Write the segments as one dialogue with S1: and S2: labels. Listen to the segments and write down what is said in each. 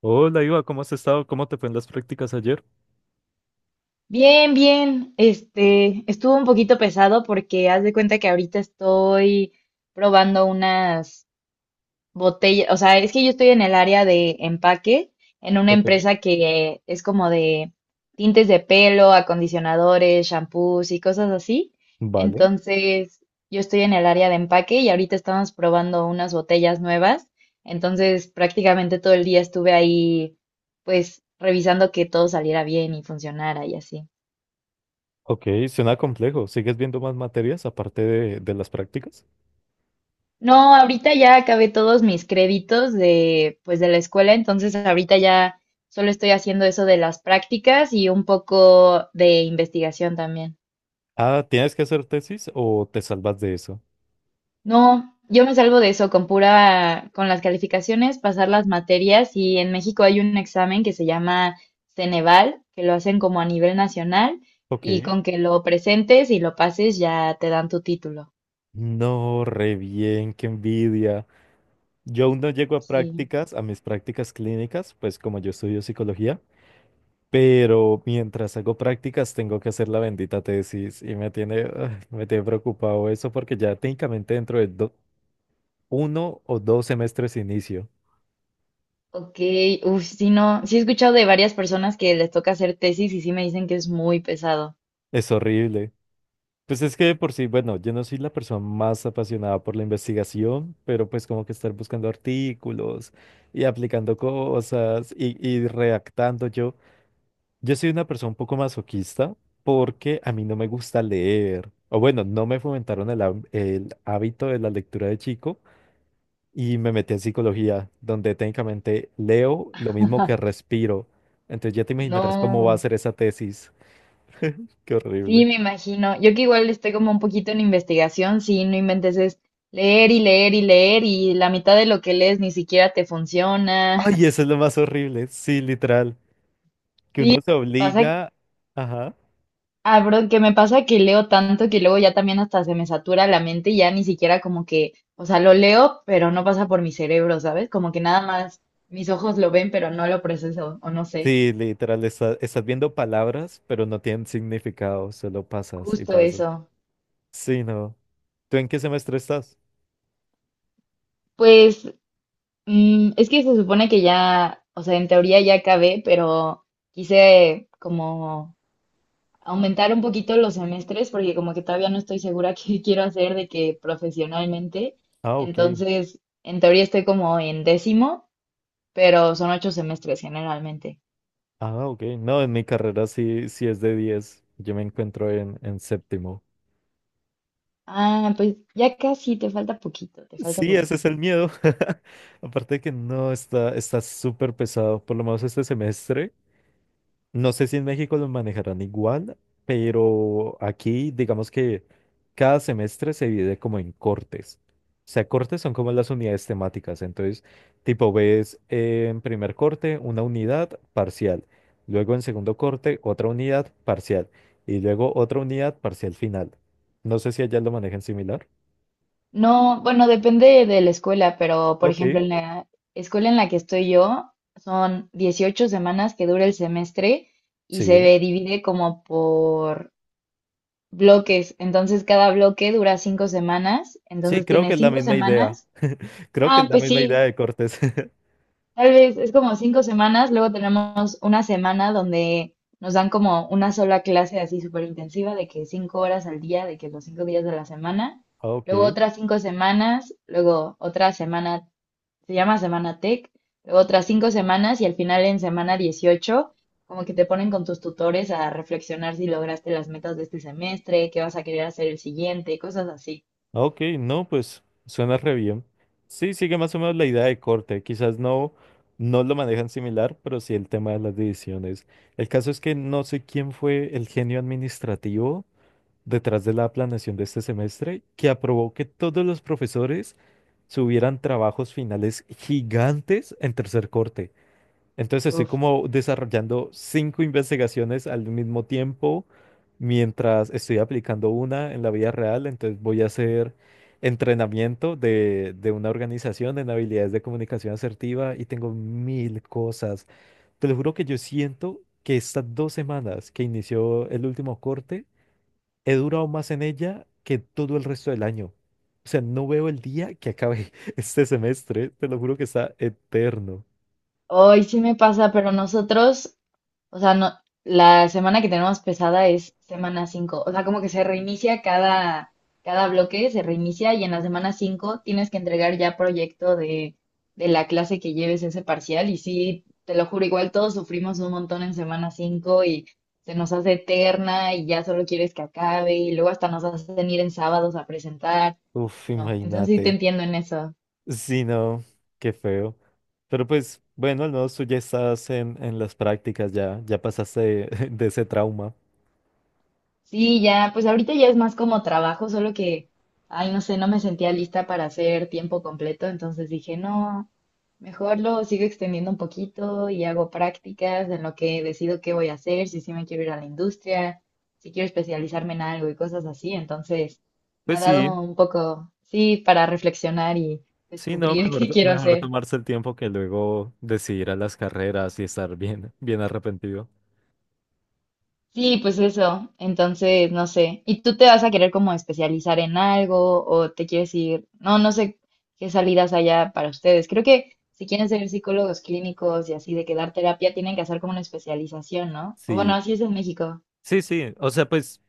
S1: Hola, Iva, ¿cómo has estado? ¿Cómo te fue en las prácticas ayer?
S2: Bien, bien. Estuvo un poquito pesado porque haz de cuenta que ahorita estoy probando unas botellas, o sea, es que yo estoy en el área de empaque, en una
S1: Ok,
S2: empresa que es como de tintes de pelo, acondicionadores, shampoos y cosas así.
S1: vale.
S2: Entonces, yo estoy en el área de empaque y ahorita estamos probando unas botellas nuevas. Entonces, prácticamente todo el día estuve ahí, pues, revisando que todo saliera bien y funcionara y así.
S1: Ok, suena complejo. ¿Sigues viendo más materias aparte de las prácticas?
S2: No, ahorita ya acabé todos mis créditos de, pues, de la escuela, entonces ahorita ya solo estoy haciendo eso de las prácticas y un poco de investigación también.
S1: Ah, ¿tienes que hacer tesis o te salvas de eso?
S2: No, yo me salvo de eso con pura, con las calificaciones, pasar las materias y en México hay un examen que se llama Ceneval, que lo hacen como a nivel nacional y
S1: Ok.
S2: con que lo presentes y lo pases ya te dan tu título.
S1: No, re bien, qué envidia. Yo aún no llego a
S2: Sí.
S1: prácticas, a mis prácticas clínicas, pues como yo estudio psicología, pero mientras hago prácticas tengo que hacer la bendita tesis y me tiene, ah, me tiene preocupado eso porque ya técnicamente dentro de 1 o 2 semestres inicio.
S2: Ok, uff, sí, no, sí he escuchado de varias personas que les toca hacer tesis y sí me dicen que es muy pesado.
S1: Es horrible. Pues es que de por sí, bueno, yo no soy la persona más apasionada por la investigación, pero pues como que estar buscando artículos y aplicando cosas y redactando yo. Yo soy una persona un poco masoquista porque a mí no me gusta leer. O bueno, no me fomentaron el hábito de la lectura de chico y me metí en psicología, donde técnicamente leo lo mismo que respiro. Entonces ya te imaginarás cómo va a
S2: No,
S1: ser esa tesis. Qué
S2: sí,
S1: horrible.
S2: me imagino. Yo que igual estoy como un poquito en investigación, sí, no inventes, es leer y leer y leer y la mitad de lo que lees ni siquiera te funciona.
S1: Ay, eso es lo más horrible, sí, literal, que
S2: Sí,
S1: uno se
S2: pasa,
S1: obliga, ajá,
S2: ah, bro, que me pasa que leo tanto que luego ya también hasta se me satura la mente y ya ni siquiera como que, o sea, lo leo, pero no pasa por mi cerebro, ¿sabes? Como que nada más mis ojos lo ven, pero no lo proceso, o no sé.
S1: sí, literal, estás viendo palabras, pero no tienen significado, solo pasas y
S2: Justo
S1: pasas.
S2: eso.
S1: Sí, no. ¿Tú en qué semestre estás?
S2: Pues es que se supone que ya, o sea, en teoría ya acabé, pero quise como aumentar un poquito los semestres porque como que todavía no estoy segura qué quiero hacer de que profesionalmente.
S1: Ah, ok,
S2: Entonces, en teoría estoy como en décimo, pero son 8 semestres generalmente.
S1: ah, ok, no, en mi carrera sí, sí es de 10. Yo me encuentro en séptimo.
S2: Ah, pues ya casi, te falta poquito, te falta
S1: Sí, ese
S2: poquito.
S1: es el miedo, aparte de que no, está, está súper pesado, por lo menos este semestre. No sé si en México lo manejarán igual, pero aquí digamos que cada semestre se divide como en cortes. O sea, cortes son como las unidades temáticas. Entonces, tipo, ves en primer corte una unidad parcial, luego en segundo corte otra unidad parcial y luego otra unidad parcial final. No sé si allá lo manejan similar.
S2: No, bueno, depende de la escuela, pero por
S1: Ok,
S2: ejemplo, en la escuela en la que estoy yo, son 18 semanas que dura el semestre y
S1: sí.
S2: se divide como por bloques. Entonces, cada bloque dura 5 semanas.
S1: Sí,
S2: Entonces,
S1: creo que
S2: tienes
S1: es la
S2: cinco
S1: misma idea.
S2: semanas.
S1: Creo que es
S2: Ah,
S1: la
S2: pues
S1: misma idea
S2: sí,
S1: de cortes.
S2: tal vez es como 5 semanas, luego tenemos una semana donde nos dan como una sola clase así súper intensiva de que 5 horas al día, de que los 5 días de la semana,
S1: Ok.
S2: luego otras 5 semanas, luego otra semana, se llama semana tech, luego otras 5 semanas y al final en semana 18 como que te ponen con tus tutores a reflexionar si lograste las metas de este semestre, qué vas a querer hacer el siguiente, cosas así.
S1: Ok, no, pues suena re bien. Sí, sigue más o menos la idea de corte. Quizás no, no lo manejan similar, pero sí el tema de las divisiones. El caso es que no sé quién fue el genio administrativo detrás de la planeación de este semestre que aprobó que todos los profesores subieran trabajos finales gigantes en tercer corte. Entonces estoy
S2: Uf,
S1: como desarrollando cinco investigaciones al mismo tiempo mientras estoy aplicando una en la vida real. Entonces voy a hacer entrenamiento de una organización en habilidades de comunicación asertiva y tengo mil cosas. Te lo juro que yo siento que estas 2 semanas que inició el último corte, he durado más en ella que todo el resto del año. O sea, no veo el día que acabe este semestre. Te lo juro que está eterno.
S2: hoy sí me pasa, pero nosotros, o sea, no, la semana que tenemos pesada es semana 5. O sea, como que se reinicia cada bloque, se reinicia y en la semana 5 tienes que entregar ya proyecto de la clase que lleves ese parcial. Y sí, te lo juro, igual todos sufrimos un montón en semana 5 y se nos hace eterna y ya solo quieres que acabe y luego hasta nos hacen ir en sábados a presentar.
S1: Uf,
S2: No, entonces sí te
S1: imagínate.
S2: entiendo en eso.
S1: Sí, no, qué feo. Pero pues, bueno, al menos tú ya estás en las prácticas, ya, pasaste de, de ese trauma.
S2: Sí, ya, pues ahorita ya es más como trabajo, solo que, ay, no sé, no me sentía lista para hacer tiempo completo, entonces dije, no, mejor lo sigo extendiendo un poquito y hago prácticas en lo que decido qué voy a hacer, si sí me quiero ir a la industria, si quiero especializarme en algo y cosas así, entonces me
S1: Pues
S2: ha
S1: sí,
S2: dado un poco, sí, para reflexionar y
S1: sí, no,
S2: descubrir
S1: mejor,
S2: qué quiero
S1: mejor
S2: hacer.
S1: tomarse el tiempo que luego decidir a las carreras y estar bien, bien arrepentido.
S2: Sí, pues eso. Entonces, no sé. ¿Y tú te vas a querer como especializar en algo o te quieres ir? No, no sé qué salidas haya para ustedes. Creo que si quieren ser psicólogos clínicos y así de que dar terapia, tienen que hacer como una especialización, ¿no? O bueno,
S1: Sí,
S2: así es en México.
S1: sí, sí. O sea, pues.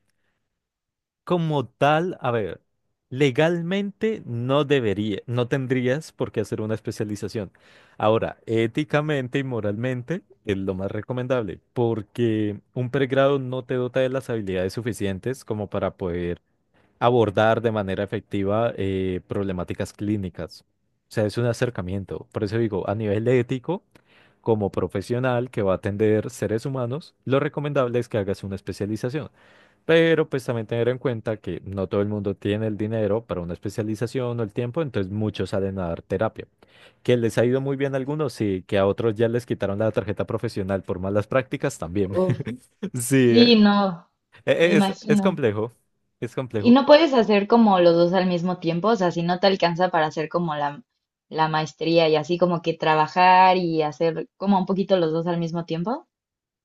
S1: Como tal, a ver, legalmente no debería, no tendrías por qué hacer una especialización. Ahora, éticamente y moralmente es lo más recomendable, porque un pregrado no te dota de las habilidades suficientes como para poder abordar de manera efectiva problemáticas clínicas. O sea, es un acercamiento. Por eso digo, a nivel ético, como profesional que va a atender seres humanos, lo recomendable es que hagas una especialización. Pero pues también tener en cuenta que no todo el mundo tiene el dinero para una especialización o el tiempo, entonces muchos salen a dar terapia. Que les ha ido muy bien a algunos, sí, que a otros ya les quitaron la tarjeta profesional por malas prácticas también.
S2: Uf,
S1: Sí,
S2: sí, no, me
S1: es
S2: imagino.
S1: complejo, es
S2: Y
S1: complejo.
S2: no puedes hacer como los dos al mismo tiempo, o sea, si no te alcanza para hacer como la maestría y así como que trabajar y hacer como un poquito los dos al mismo tiempo.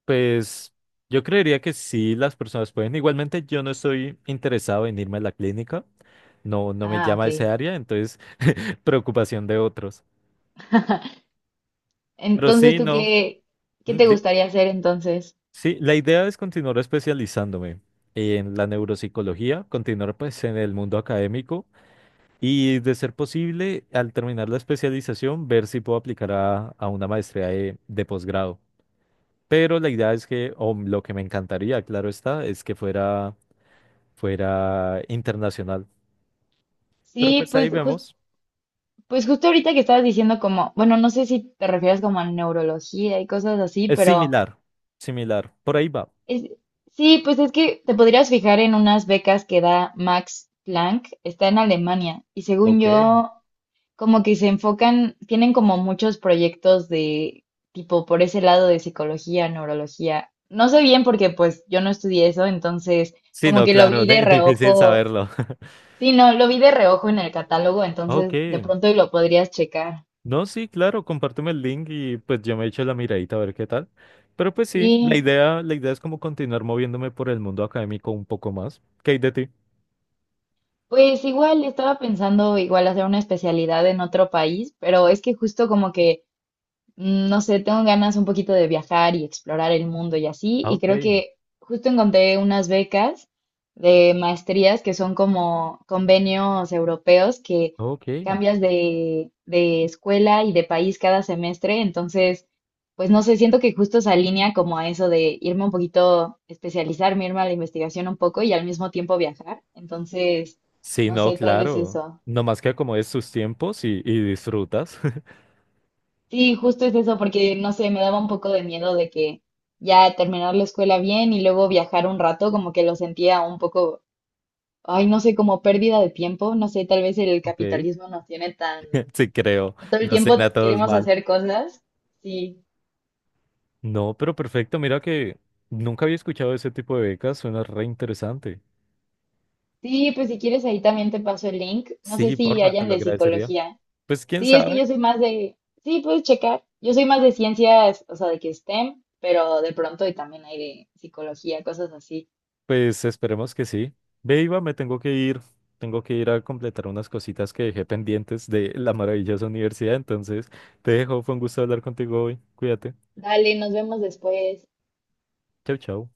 S1: Pues yo creería que sí, las personas pueden. Igualmente yo no estoy interesado en irme a la clínica, no, no me
S2: Ah, ok.
S1: llama ese área, entonces preocupación de otros. Pero
S2: Entonces,
S1: sí,
S2: ¿tú
S1: no.
S2: qué te gustaría hacer entonces?
S1: Sí, la idea es continuar especializándome en la neuropsicología, continuar pues en el mundo académico y de ser posible, al terminar la especialización, ver si puedo aplicar a una maestría de posgrado. Pero la idea es que, o lo que me encantaría, claro está, es que fuera, fuera internacional. Pero
S2: Sí,
S1: pues ahí vemos.
S2: pues justo ahorita que estabas diciendo como, bueno, no sé si te refieres como a neurología y cosas así,
S1: Es
S2: pero
S1: similar, similar. Por ahí va.
S2: es, sí, pues es que te podrías fijar en unas becas que da Max Planck, está en Alemania, y según
S1: Ok.
S2: yo, como que se enfocan, tienen como muchos proyectos de tipo por ese lado de psicología, neurología. No sé bien porque pues yo no estudié eso, entonces
S1: Sí,
S2: como
S1: no,
S2: que lo
S1: claro,
S2: vi de
S1: difícil
S2: reojo.
S1: saberlo.
S2: Sí, no, lo vi de reojo en el catálogo,
S1: Ok.
S2: entonces de pronto y lo podrías checar.
S1: No, sí, claro, compárteme el link y pues yo me echo la miradita a ver qué tal. Pero pues sí, la
S2: Sí,
S1: idea, la idea es como continuar moviéndome por el mundo académico un poco más. ¿Qué hay de ti?
S2: pues igual estaba pensando igual hacer una especialidad en otro país, pero es que justo como que no sé, tengo ganas un poquito de viajar y explorar el mundo y así,
S1: Ah,
S2: y
S1: ok,
S2: creo que justo encontré unas becas de maestrías que son como convenios europeos que
S1: ok.
S2: cambias de escuela y de país cada semestre, entonces, pues no sé, siento que justo se alinea como a eso de irme un poquito, especializarme, irme a la investigación un poco y al mismo tiempo viajar, entonces,
S1: Sí,
S2: no
S1: no,
S2: sé, tal vez
S1: claro.
S2: eso.
S1: Nomás que acomodes tus tiempos y disfrutas.
S2: Sí, justo es eso, porque no sé, me daba un poco de miedo de que ya terminar la escuela bien y luego viajar un rato, como que lo sentía un poco, ay, no sé, como pérdida de tiempo, no sé, tal vez el
S1: Ok.
S2: capitalismo nos tiene tan,
S1: Sí, creo.
S2: que todo el
S1: No suena
S2: tiempo
S1: todos
S2: queremos
S1: mal.
S2: hacer cosas. Sí,
S1: No, pero perfecto. Mira que nunca había escuchado ese tipo de becas. Suena re interesante.
S2: sí, pues si quieres ahí también te paso el link, no sé
S1: Sí,
S2: si
S1: porfa, te
S2: hayan
S1: lo
S2: de
S1: agradecería.
S2: psicología.
S1: Pues quién
S2: Sí, es que
S1: sabe.
S2: yo soy más de, sí, puedes checar, yo soy más de ciencias, o sea, de que STEM, pero de pronto y también hay de psicología, cosas así.
S1: Pues esperemos que sí. Ve, Iba, me tengo que ir. Tengo que ir a completar unas cositas que dejé pendientes de la maravillosa universidad. Entonces, te dejo. Fue un gusto hablar contigo hoy. Cuídate.
S2: Dale, nos vemos después.
S1: Chau, chau.